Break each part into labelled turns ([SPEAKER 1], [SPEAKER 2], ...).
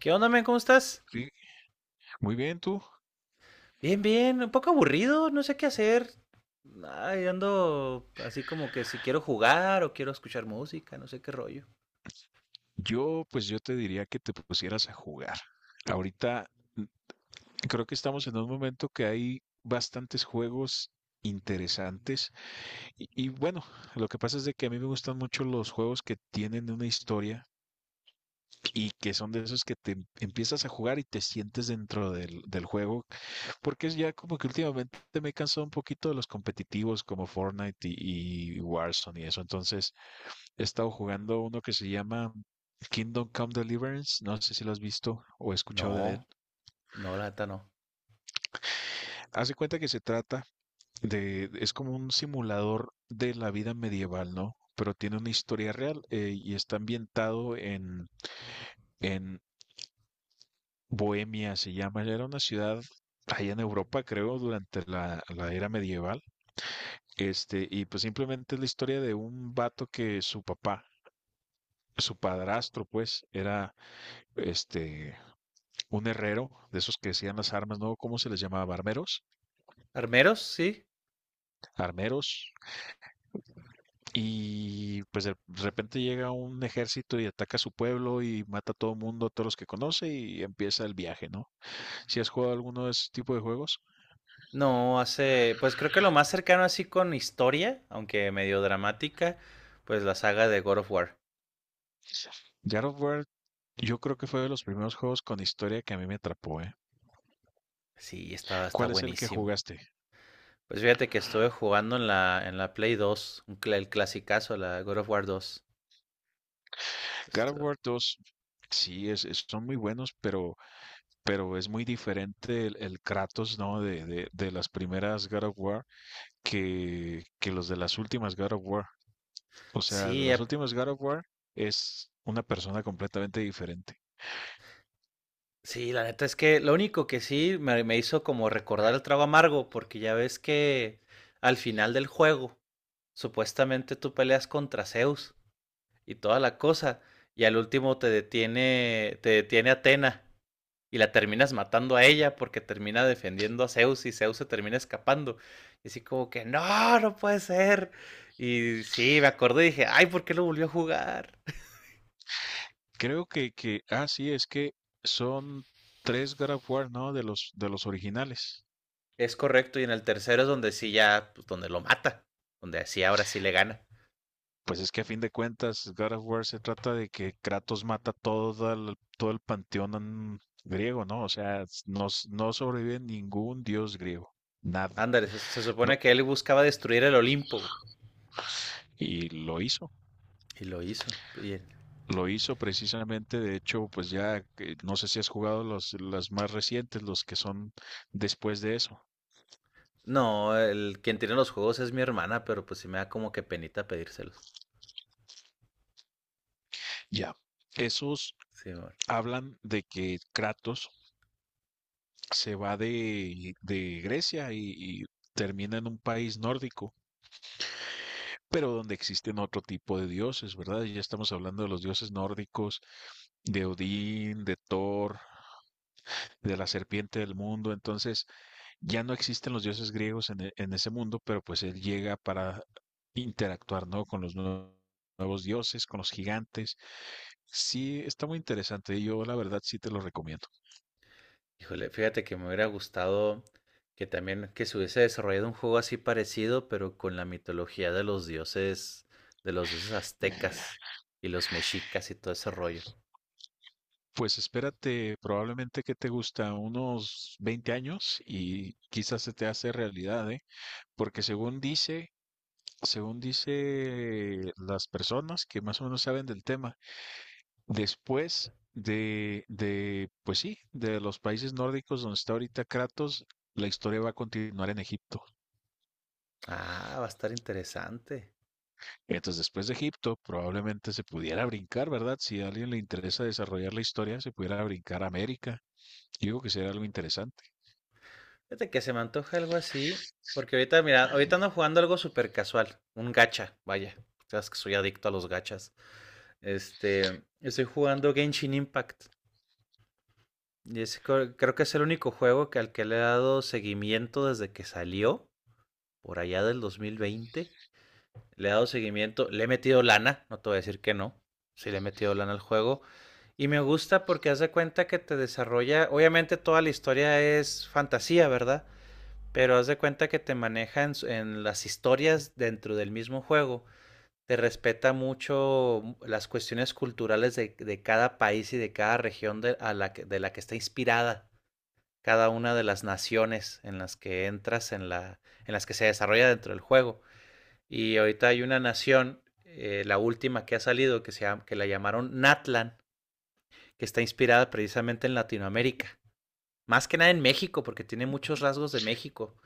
[SPEAKER 1] ¿Qué onda, men? ¿Cómo estás?
[SPEAKER 2] Sí, muy bien tú.
[SPEAKER 1] Bien, bien, un poco aburrido, no sé qué hacer. Ay, ando así como que si quiero jugar o quiero escuchar música, no sé qué rollo.
[SPEAKER 2] Yo te diría que te pusieras a jugar. Ahorita mm, creo que estamos en un momento que hay bastantes juegos interesantes y bueno, lo que pasa es de que a mí me gustan mucho los juegos que tienen una historia y que son de esos que te empiezas a jugar y te sientes dentro del juego, porque es ya como que últimamente me he cansado un poquito de los competitivos como Fortnite y Warzone y eso, entonces he estado jugando uno que se llama Kingdom Come Deliverance, no sé si lo has visto o
[SPEAKER 1] No,
[SPEAKER 2] escuchado de él.
[SPEAKER 1] no, la neta no.
[SPEAKER 2] Hace cuenta que se trata de, es como un simulador de la vida medieval, ¿no? Pero tiene una historia real y está ambientado en Bohemia, se llama. Era una ciudad allá en Europa, creo, durante la era medieval. Este, y pues simplemente es la historia de un vato que su papá, su padrastro, pues, era este un herrero, de esos que hacían las armas, ¿no? ¿Cómo se les llamaba? Armeros,
[SPEAKER 1] ¿Armeros? Sí.
[SPEAKER 2] armeros, y pues de repente llega un ejército y ataca su pueblo y mata a todo mundo, a todos los que conoce y empieza el viaje, ¿no? Si has jugado alguno de ese tipo de juegos,
[SPEAKER 1] No, hace, pues creo que lo más cercano así con historia, aunque medio dramática, pues la saga de God of War.
[SPEAKER 2] God of War, yo creo que fue de los primeros juegos con historia que a mí me atrapó, ¿eh?
[SPEAKER 1] Sí, está, está
[SPEAKER 2] ¿Cuál es el que
[SPEAKER 1] buenísimo.
[SPEAKER 2] jugaste?
[SPEAKER 1] Pues fíjate que estuve jugando en la Play 2, el clasicazo, la God of War 2.
[SPEAKER 2] God of
[SPEAKER 1] Esto-
[SPEAKER 2] War 2. Sí, es, son muy buenos, pero es muy diferente el Kratos, ¿no? De las primeras God of War que los de las últimas God of War. O sea,
[SPEAKER 1] Sí,
[SPEAKER 2] los últimos God of War es una persona completamente diferente.
[SPEAKER 1] Sí, la neta es que lo único que sí me hizo como recordar el trago amargo, porque ya ves que al final del juego, supuestamente tú peleas contra Zeus y toda la cosa, y al último te detiene Atena y la terminas matando a ella porque termina defendiendo a Zeus y Zeus se termina escapando. Y así como que, no, no puede ser. Y sí, me acordé y dije, ay, ¿por qué lo volvió a jugar?
[SPEAKER 2] Creo que, sí, es que son 3 God of War, ¿no? De los originales.
[SPEAKER 1] Es correcto, y en el tercero es donde sí ya, pues donde lo mata, donde así ahora sí le gana.
[SPEAKER 2] Pues es que a fin de cuentas, God of War se trata de que Kratos mata todo el panteón griego, ¿no? O sea, no, no sobrevive ningún dios griego, nada,
[SPEAKER 1] Ándale, se
[SPEAKER 2] ¿no?
[SPEAKER 1] supone que él buscaba destruir el Olimpo, güey.
[SPEAKER 2] Y lo hizo.
[SPEAKER 1] Y lo hizo.
[SPEAKER 2] Lo hizo precisamente, de hecho, pues ya que- no sé si has jugado los, las más recientes, los que son después de eso.
[SPEAKER 1] No, el quien tiene los juegos es mi hermana, pero pues sí me da como que penita pedírselos.
[SPEAKER 2] Ya. Esos
[SPEAKER 1] Sí, amor.
[SPEAKER 2] hablan de que Kratos se va de Grecia y termina en un país nórdico, pero donde existen otro tipo de dioses, ¿verdad? Ya estamos hablando de los dioses nórdicos, de Odín, de Thor, de la serpiente del mundo. Entonces, ya no existen los dioses griegos en, en ese mundo, pero pues él llega para interactuar, ¿no? Con los nuevos dioses, con los gigantes. Sí, está muy interesante y yo la verdad sí te lo recomiendo.
[SPEAKER 1] Híjole, fíjate que me hubiera gustado que también que se hubiese desarrollado un juego así parecido, pero con la mitología de los dioses
[SPEAKER 2] Eh,
[SPEAKER 1] aztecas y los mexicas y todo ese rollo.
[SPEAKER 2] Pues espérate, probablemente que te gusta unos 20 años y quizás se te hace realidad, ¿eh? Porque según dice las personas que más o menos saben del tema, después de, pues sí, de los países nórdicos donde está ahorita Kratos, la historia va a continuar en Egipto.
[SPEAKER 1] Ah, va a estar interesante.
[SPEAKER 2] Entonces, después de Egipto, probablemente se pudiera brincar, ¿verdad? Si a alguien le interesa desarrollar la historia, se pudiera brincar a América. Yo digo que sería algo interesante.
[SPEAKER 1] Fíjate que se me antoja algo así, porque ahorita, mira, ahorita ando jugando algo súper casual, un gacha, vaya, sabes que soy adicto a los gachas. Este, estoy jugando Genshin Impact, y creo que es el único juego que al que le he dado seguimiento desde que salió, por allá del 2020. Le he dado seguimiento, le he metido lana, no te voy a decir que no, sí le he metido lana al juego. Y me gusta porque haz de cuenta que te desarrolla, obviamente toda la historia es fantasía, ¿verdad? Pero haz de cuenta que te maneja en las historias dentro del mismo juego. Te respeta mucho las cuestiones culturales de cada país y de cada región de, a la que, de la que está inspirada cada una de las naciones en las que entras, en las que se desarrolla dentro del juego. Y ahorita hay una nación, la última que ha salido, que la llamaron Natlan, que está inspirada precisamente en Latinoamérica. Más que nada en México, porque tiene muchos rasgos de México.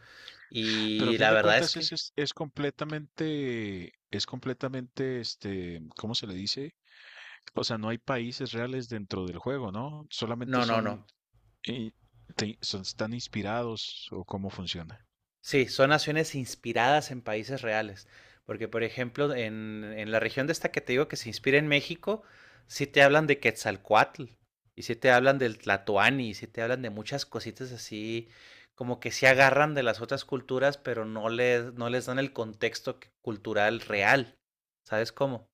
[SPEAKER 2] Pero a
[SPEAKER 1] Y
[SPEAKER 2] fin
[SPEAKER 1] la
[SPEAKER 2] de
[SPEAKER 1] verdad es
[SPEAKER 2] cuentas es,
[SPEAKER 1] que
[SPEAKER 2] es, es completamente, es completamente, este, ¿cómo se le dice? O sea, no hay países reales dentro del juego, ¿no? Solamente
[SPEAKER 1] no, no, no.
[SPEAKER 2] son, eh, están inspirados o cómo funciona.
[SPEAKER 1] Sí, son naciones inspiradas en países reales. Porque, por ejemplo, en la región de esta que te digo que se inspira en México, sí te hablan de Quetzalcoatl, y sí te hablan del Tlatoani, y sí te hablan de muchas cositas así, como que se agarran de las otras culturas, pero no les dan el contexto cultural real. ¿Sabes cómo?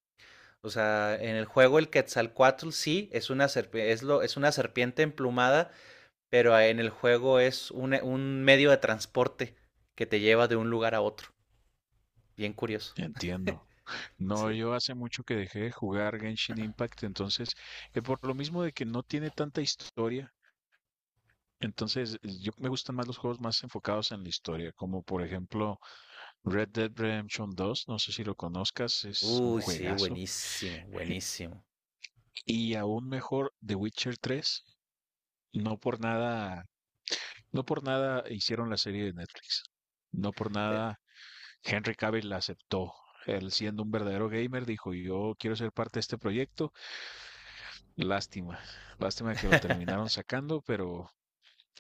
[SPEAKER 1] O sea, en el juego el Quetzalcoatl sí es una serpiente, es una serpiente emplumada, pero ah, en el juego es un medio de transporte que te lleva de un lugar a otro. Bien curioso.
[SPEAKER 2] Entiendo. No,
[SPEAKER 1] Sí.
[SPEAKER 2] yo hace mucho que dejé de jugar Genshin Impact, entonces, por lo mismo de que no tiene tanta historia, entonces yo me gustan más los juegos más enfocados en la historia, como por ejemplo Red Dead Redemption dos, no sé si lo conozcas, es un
[SPEAKER 1] Uy, sí,
[SPEAKER 2] juegazo,
[SPEAKER 1] buenísimo, buenísimo.
[SPEAKER 2] y aún mejor The Witcher tres, no por nada, no por nada hicieron la serie de Netflix. No por
[SPEAKER 1] Fe-
[SPEAKER 2] nada Henry Cavill la aceptó. Él siendo un verdadero gamer dijo, "Yo quiero ser parte de este proyecto." Lástima, lástima que lo terminaron sacando,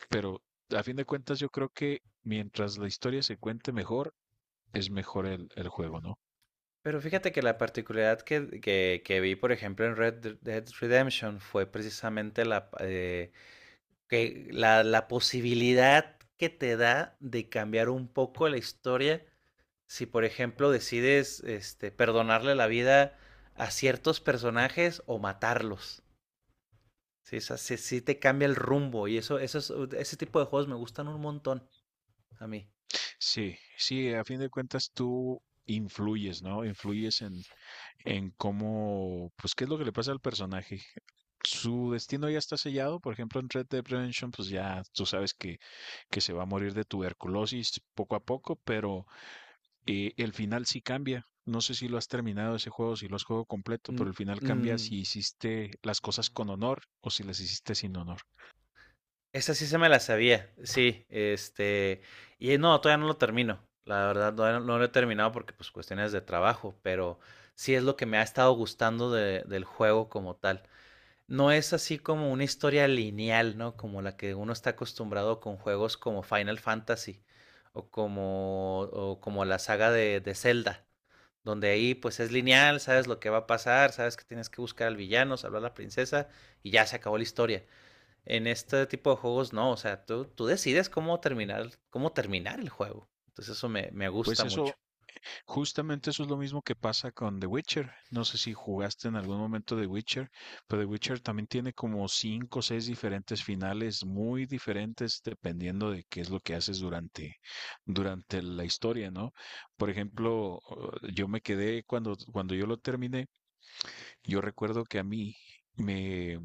[SPEAKER 2] pero a fin de cuentas yo creo que mientras la historia se cuente mejor, es mejor el juego, ¿no?
[SPEAKER 1] Pero fíjate que la particularidad que vi, por ejemplo, en Red Dead Redemption fue precisamente la, que la posibilidad que te da de cambiar un poco la historia si, por ejemplo, decides este, perdonarle la vida a ciertos personajes o matarlos. Sí, o sea, sí, sí te cambia el rumbo y eso, ese tipo de juegos me gustan un montón a mí.
[SPEAKER 2] Sí, sí, a fin de cuentas tú influyes, ¿no? Influyes en cómo, pues qué es lo que le pasa al personaje. Su destino ya está sellado, por ejemplo, en Red Dead Redemption, pues ya tú sabes que se va a morir de tuberculosis poco a poco, pero el final sí cambia. No sé si lo has terminado ese juego, si lo has jugado completo, pero
[SPEAKER 1] Mm,
[SPEAKER 2] el final cambia
[SPEAKER 1] mm,
[SPEAKER 2] si hiciste las cosas con honor o si las hiciste sin honor.
[SPEAKER 1] esa sí se me la sabía, sí, este, y no, todavía no lo termino, la verdad, todavía no lo he terminado porque pues cuestiones de trabajo, pero sí es lo que me ha estado gustando del juego como tal. No es así como una historia lineal, ¿no? Como la que uno está acostumbrado con juegos como Final Fantasy o como la saga de Zelda, donde ahí pues es lineal, sabes lo que va a pasar, sabes que tienes que buscar al villano, salvar a la princesa y ya se acabó la historia. En este tipo de juegos no, o sea, tú decides cómo terminar el juego. Entonces eso me gusta
[SPEAKER 2] Pues
[SPEAKER 1] mucho.
[SPEAKER 2] eso, justamente eso es lo mismo que pasa con The Witcher. No sé si jugaste en algún momento The Witcher, pero The Witcher también tiene como 5 o 6 diferentes finales muy diferentes dependiendo de qué es lo que haces durante, durante la historia, ¿no? Por ejemplo, yo me quedé cuando yo lo terminé, yo recuerdo que a mí me,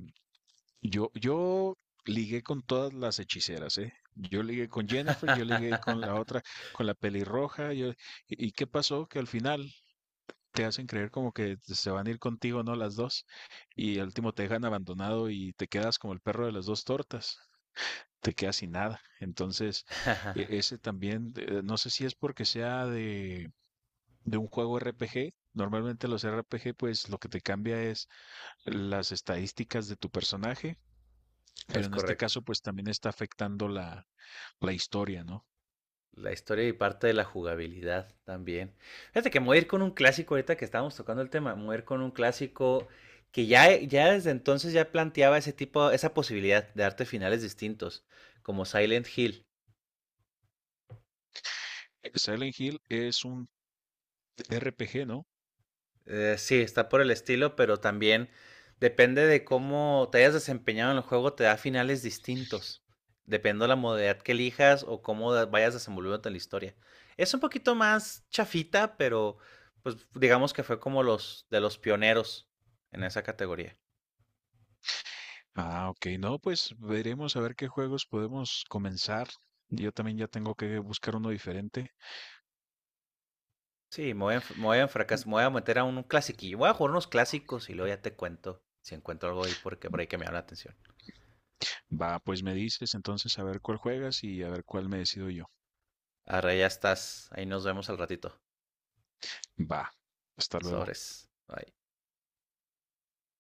[SPEAKER 2] yo ligué con todas las hechiceras, ¿eh? Yo ligué con Jennifer, yo ligué con la otra, con la pelirroja, yo, ¿y qué pasó? Que al final te hacen creer como que se van a ir contigo, ¿no? Las dos, y al último te dejan abandonado y te quedas como el perro de las dos tortas, te quedas sin nada. Entonces, ese también, no sé si es porque sea de un juego RPG, normalmente los RPG, pues lo que te cambia es las estadísticas de tu personaje, pero
[SPEAKER 1] Es
[SPEAKER 2] en este
[SPEAKER 1] correcto.
[SPEAKER 2] caso pues también está afectando la, la historia, ¿no?
[SPEAKER 1] La historia y parte de la jugabilidad también. Fíjate que me voy a ir con un clásico ahorita que estábamos tocando el tema, me voy a ir con un clásico que ya, ya desde entonces ya planteaba ese tipo, esa posibilidad de darte finales distintos, como Silent Hill.
[SPEAKER 2] Silent Hill es un RPG, ¿no?
[SPEAKER 1] Sí, está por el estilo, pero también depende de cómo te hayas desempeñado en el juego, te da finales distintos. Depende de la modalidad que elijas o vayas desenvolviéndote en la historia. Es un poquito más chafita, pero pues digamos que fue como los de los pioneros en esa categoría.
[SPEAKER 2] Ah, ok, no, pues veremos a ver qué juegos podemos comenzar. Yo también ya tengo que buscar uno diferente.
[SPEAKER 1] Sí, me voy a meter a un clasiquillo. Voy a jugar unos clásicos y luego ya te cuento si encuentro algo ahí porque por ahí que me llama la atención.
[SPEAKER 2] Va, pues me dices entonces a ver cuál juegas y a ver cuál me decido yo.
[SPEAKER 1] Ahora ya estás. Ahí nos vemos al ratito.
[SPEAKER 2] Va, hasta luego.
[SPEAKER 1] Sobres. Bye.